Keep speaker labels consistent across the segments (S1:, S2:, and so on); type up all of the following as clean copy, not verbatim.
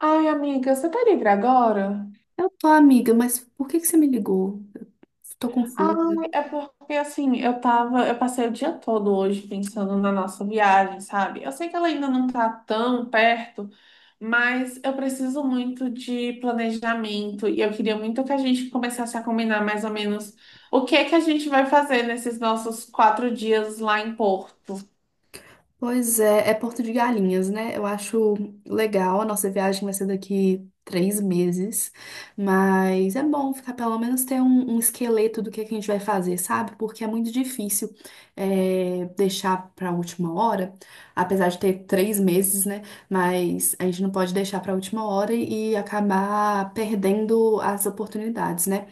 S1: Ai, amiga, você tá livre agora?
S2: Eu tô, amiga, mas por que que você me ligou? Eu tô
S1: Ai,
S2: confusa.
S1: é porque assim, eu passei o dia todo hoje pensando na nossa viagem, sabe? Eu sei que ela ainda não tá tão perto, mas eu preciso muito de planejamento e eu queria muito que a gente começasse a combinar mais ou menos o que é que a gente vai fazer nesses nossos 4 dias lá em Porto.
S2: Pois é, é Porto de Galinhas, né? Eu acho legal, a nossa viagem vai ser daqui 3 meses, mas é bom ficar pelo menos ter um esqueleto do que a gente vai fazer, sabe? Porque é muito difícil deixar pra última hora, apesar de ter 3 meses, né? Mas a gente não pode deixar pra última hora e acabar perdendo as oportunidades, né?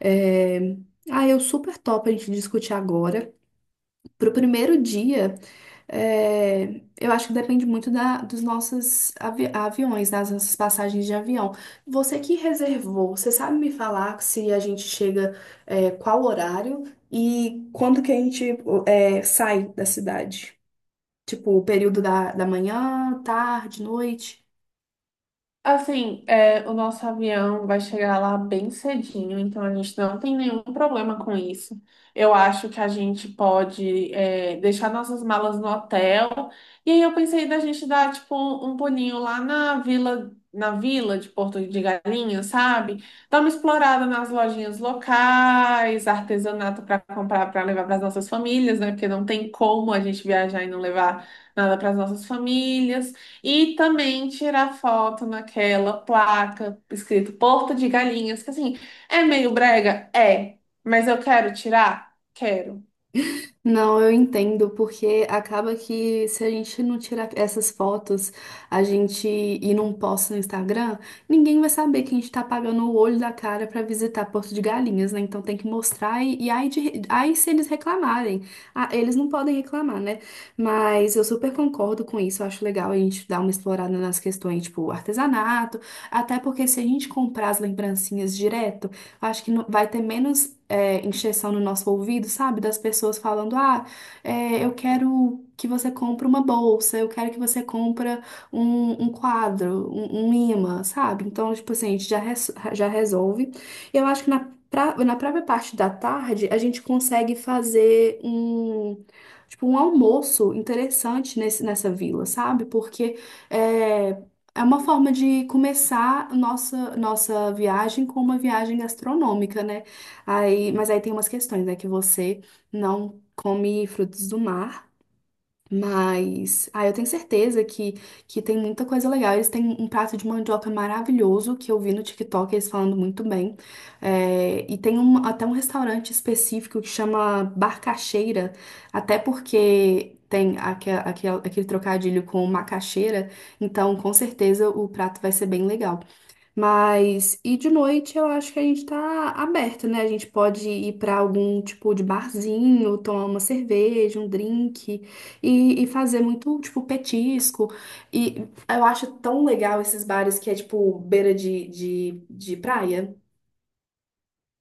S2: É, ah, eu super topo a gente discutir agora. Pro primeiro dia, é, eu acho que depende muito dos nossos aviões, das nossas passagens de avião. Você que reservou, você sabe me falar se a gente chega, qual horário e quando que a gente, sai da cidade? Tipo, o período da manhã, tarde, noite?
S1: Assim, o nosso avião vai chegar lá bem cedinho, então a gente não tem nenhum problema com isso. Eu acho que a gente pode, deixar nossas malas no hotel. E aí eu pensei da gente dar, tipo, um pulinho lá na vila de Porto de Galinhas, sabe? Dar uma explorada nas lojinhas locais, artesanato para comprar, para levar para as nossas famílias, né? Porque não tem como a gente viajar e não levar nada para as nossas famílias. E também tirar foto naquela placa escrito Porto de Galinhas, que assim, é meio brega? É, mas eu quero tirar? Quero.
S2: Não, eu entendo, porque acaba que se a gente não tirar essas fotos, a gente e não posta no Instagram, ninguém vai saber que a gente tá pagando o olho da cara pra visitar Porto de Galinhas, né? Então tem que mostrar e aí, aí se eles reclamarem. Ah, eles não podem reclamar, né? Mas eu super concordo com isso, eu acho legal a gente dar uma explorada nas questões, tipo, artesanato, até porque se a gente comprar as lembrancinhas direto, eu acho que vai ter menos encheção no nosso ouvido, sabe? Das pessoas falando, ah, eu quero que você compre uma bolsa, eu quero que você compre um quadro, um imã, sabe? Então, tipo assim, a gente já, já resolve. Eu acho que na própria parte da tarde, a gente consegue fazer um... Tipo, um almoço interessante nessa vila, sabe? Porque é, é uma forma de começar nossa viagem com uma viagem gastronômica, né? Aí, mas aí tem umas questões, né? Que você não come frutos do mar. Mas, ah, eu tenho certeza que tem muita coisa legal. Eles têm um prato de mandioca maravilhoso que eu vi no TikTok, eles falando muito bem. É, e tem até um restaurante específico que chama Barcacheira, até porque tem aquele trocadilho com macaxeira, então com certeza o prato vai ser bem legal. Mas, e de noite eu acho que a gente tá aberto, né? A gente pode ir pra algum tipo de barzinho, tomar uma cerveja, um drink e fazer muito, tipo, petisco. E eu acho tão legal esses bares que é, tipo, beira de praia.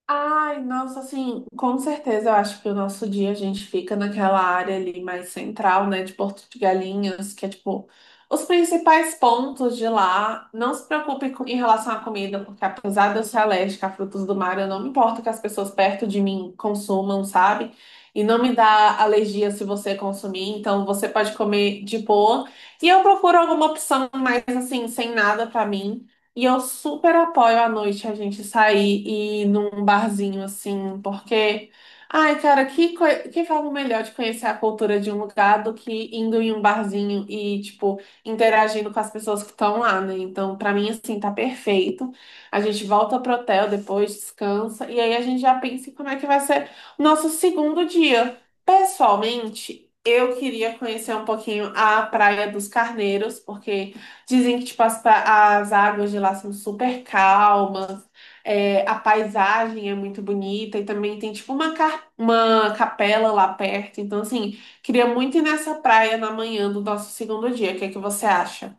S1: Ai, nossa, assim, com certeza eu acho que o nosso dia a gente fica naquela área ali mais central, né, de Porto de Galinhas, que é tipo os principais pontos de lá. Não se preocupe em relação à comida, porque apesar de eu ser alérgica a frutos do mar, eu não me importo que as pessoas perto de mim consumam, sabe? E não me dá alergia se você consumir, então você pode comer de boa. E eu procuro alguma opção mais assim, sem nada pra mim. E eu super apoio à noite a gente sair e ir num barzinho assim, porque, ai, cara, que forma melhor de conhecer a cultura de um lugar do que indo em um barzinho e, tipo, interagindo com as pessoas que estão lá, né? Então, pra mim, assim, tá perfeito. A gente volta pro hotel depois, descansa, e aí a gente já pensa em como é que vai ser o nosso segundo dia. Pessoalmente, eu queria conhecer um pouquinho a Praia dos Carneiros, porque dizem que, tipo, as águas de lá são super calmas, a paisagem é muito bonita e também tem, tipo, uma capela lá perto. Então, assim, queria muito ir nessa praia na manhã do nosso segundo dia. O que é que você acha?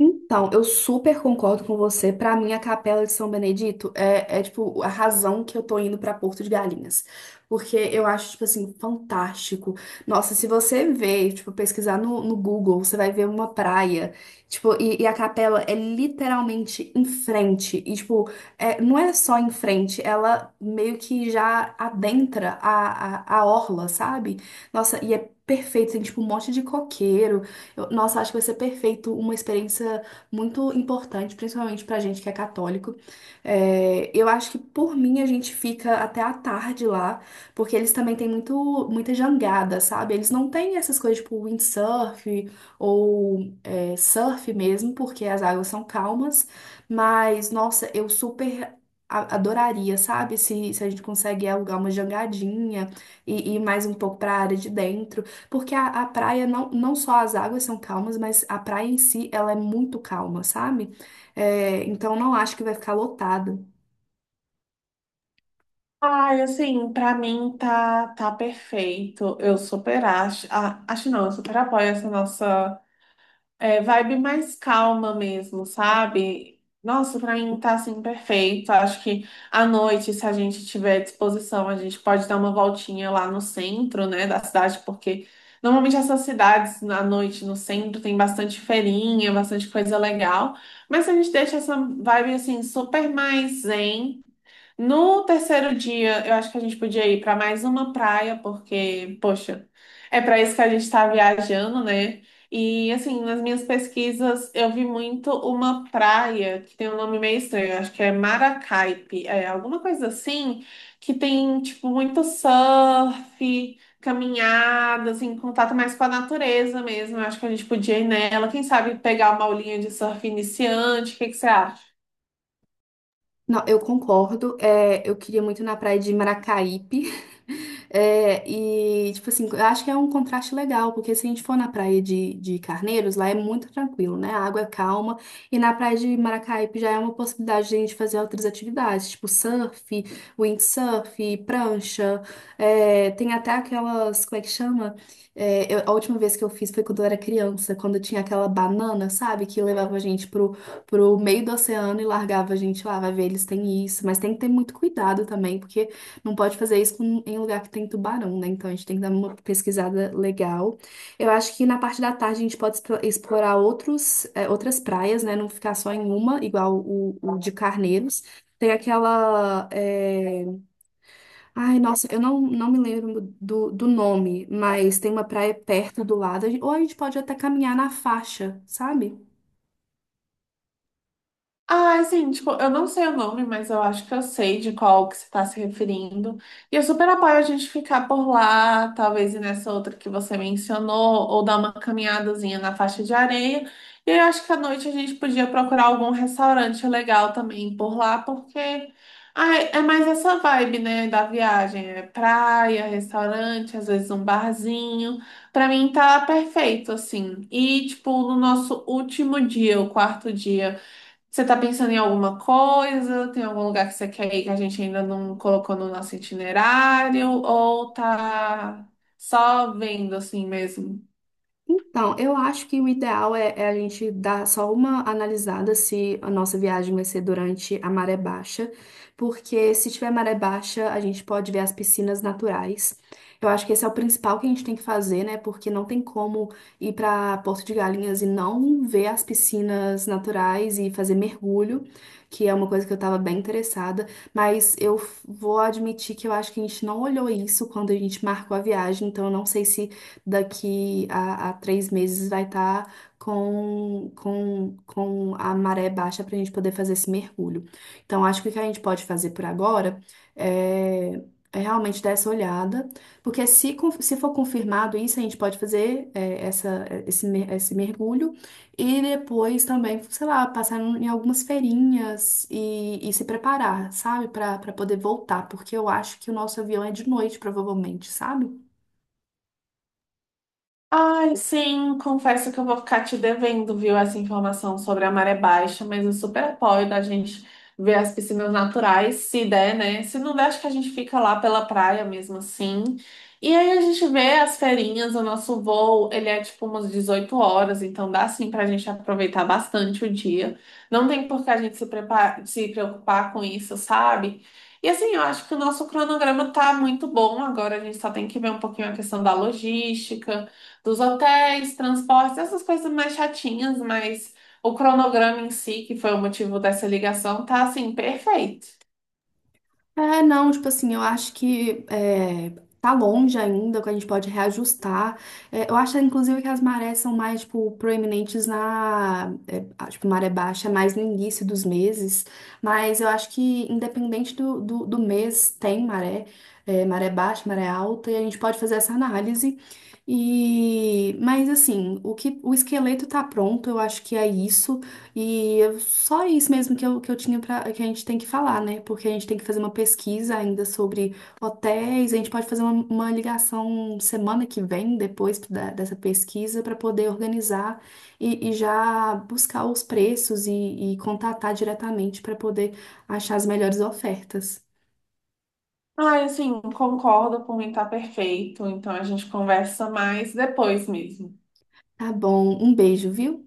S2: Então, eu super concordo com você. Pra mim, a Capela de São Benedito é tipo a razão que eu tô indo pra Porto de Galinhas, porque eu acho tipo assim fantástico. Nossa, se você ver, tipo pesquisar no Google, você vai ver uma praia, tipo e a capela é literalmente em frente e tipo não é só em frente, ela meio que já adentra a orla, sabe? Nossa, e é perfeito, tem tipo um monte de coqueiro, nossa, acho que vai ser perfeito, uma experiência muito importante, principalmente pra gente que é católico. É, eu acho que por mim a gente fica até a tarde lá, porque eles também têm muita jangada, sabe? Eles não têm essas coisas tipo windsurf ou surf mesmo, porque as águas são calmas, mas nossa, eu super. Adoraria, sabe? Se a gente consegue alugar uma jangadinha e mais um pouco pra área de dentro. Porque a praia, não só as águas são calmas, mas a praia em si, ela é muito calma, sabe? É, então não acho que vai ficar lotado.
S1: Ai, assim, pra mim tá, tá perfeito. Eu super acho. Ah, acho não, eu super apoio essa nossa. É, vibe mais calma mesmo, sabe? Nossa, pra mim tá assim perfeito. Acho que à noite, se a gente tiver disposição, a gente pode dar uma voltinha lá no centro, né, da cidade, porque normalmente essas cidades à noite no centro tem bastante feirinha, bastante coisa legal. Mas a gente deixa essa vibe assim super mais zen. No terceiro dia, eu acho que a gente podia ir para mais uma praia, porque, poxa, é para isso que a gente está viajando, né? E, assim, nas minhas pesquisas, eu vi muito uma praia que tem um nome meio estranho, eu acho que é Maracaipe, é alguma coisa assim, que tem, tipo, muito surf, caminhada, assim, contato mais com a natureza mesmo. Eu acho que a gente podia ir nela, quem sabe pegar uma aulinha de surf iniciante, o que que você acha?
S2: Não, eu concordo. É, eu queria muito ir na praia de Maracaípe. É, e, tipo assim, eu acho que é um contraste legal, porque se a gente for na praia de Carneiros, lá é muito tranquilo, né? A água é calma. E na praia de Maracaípe já é uma possibilidade de a gente fazer outras atividades, tipo surf, windsurf, prancha. É, tem até aquelas, como é que chama? É, a última vez que eu fiz foi quando eu era criança, quando tinha aquela banana, sabe? Que levava a gente pro meio do oceano e largava a gente lá, vai ver, eles têm isso, mas tem que ter muito cuidado também, porque não pode fazer isso em lugar que tem tubarão, né? Então a gente tem que dar uma pesquisada legal. Eu acho que na parte da tarde a gente pode explorar outras praias, né? Não ficar só em uma, igual o de Carneiros. Tem aquela. Ai, nossa, eu não me lembro do nome, mas tem uma praia perto do lado, ou a gente pode até caminhar na faixa, sabe?
S1: Ah, é assim, tipo, eu não sei o nome, mas eu acho que eu sei de qual que você está se referindo. E eu super apoio a gente ficar por lá, talvez ir nessa outra que você mencionou, ou dar uma caminhadazinha na faixa de areia. E eu acho que à noite a gente podia procurar algum restaurante legal também por lá, porque ah, é mais essa vibe, né, da viagem. É praia, restaurante, às vezes um barzinho. Pra mim tá perfeito, assim. E, tipo, no nosso último dia, o quarto dia. Você tá pensando em alguma coisa? Tem algum lugar que você quer ir que a gente ainda não colocou no nosso itinerário? Ou tá só vendo assim mesmo?
S2: Então, eu acho que o ideal é a gente dar só uma analisada se a nossa viagem vai ser durante a maré baixa, porque se tiver maré baixa, a gente pode ver as piscinas naturais. Eu acho que esse é o principal que a gente tem que fazer, né? Porque não tem como ir para Porto de Galinhas e não ver as piscinas naturais e fazer mergulho, que é uma coisa que eu estava bem interessada. Mas eu vou admitir que eu acho que a gente não olhou isso quando a gente marcou a viagem, então eu não sei se daqui a 3 meses vai estar com a maré baixa para a gente poder fazer esse mergulho. Então, acho que o que a gente pode fazer por agora é, é realmente dar essa olhada, porque se for confirmado isso, a gente pode fazer esse mergulho e depois também, sei lá, passar em algumas feirinhas e se preparar, sabe, para poder voltar, porque eu acho que o nosso avião é de noite, provavelmente, sabe?
S1: Ai, sim, confesso que eu vou ficar te devendo, viu, essa informação sobre a maré baixa, mas eu super apoio da gente ver as piscinas naturais, se der, né? Se não der, acho que a gente fica lá pela praia mesmo assim. E aí a gente vê as feirinhas, o nosso voo, ele é tipo umas 18h, então dá sim pra gente aproveitar bastante o dia. Não tem por que a gente se preocupar com isso, sabe? E assim, eu acho que o nosso cronograma tá muito bom agora, a gente só tem que ver um pouquinho a questão da logística dos hotéis, transportes, essas coisas mais chatinhas, mas o cronograma em si, que foi o motivo dessa ligação, tá assim, perfeito.
S2: É, não, tipo assim, eu acho que tá longe ainda, que a gente pode reajustar. É, eu acho, inclusive, que as marés são mais, tipo, proeminentes tipo, maré baixa, é mais no início dos meses. Mas eu acho que, independente do mês, tem maré baixa, maré alta, e a gente pode fazer essa análise. E, mas assim, o esqueleto tá pronto, eu acho que é isso. E só isso mesmo que eu tinha para que a gente tem que falar, né? Porque a gente tem que fazer uma pesquisa ainda sobre hotéis. A gente pode fazer uma ligação semana que vem, depois dessa pesquisa, para poder organizar e já buscar os preços e contatar diretamente para poder achar as melhores ofertas.
S1: Ai, assim, concordo, por mim tá perfeito, então a gente conversa mais depois mesmo.
S2: Tá bom, um beijo, viu?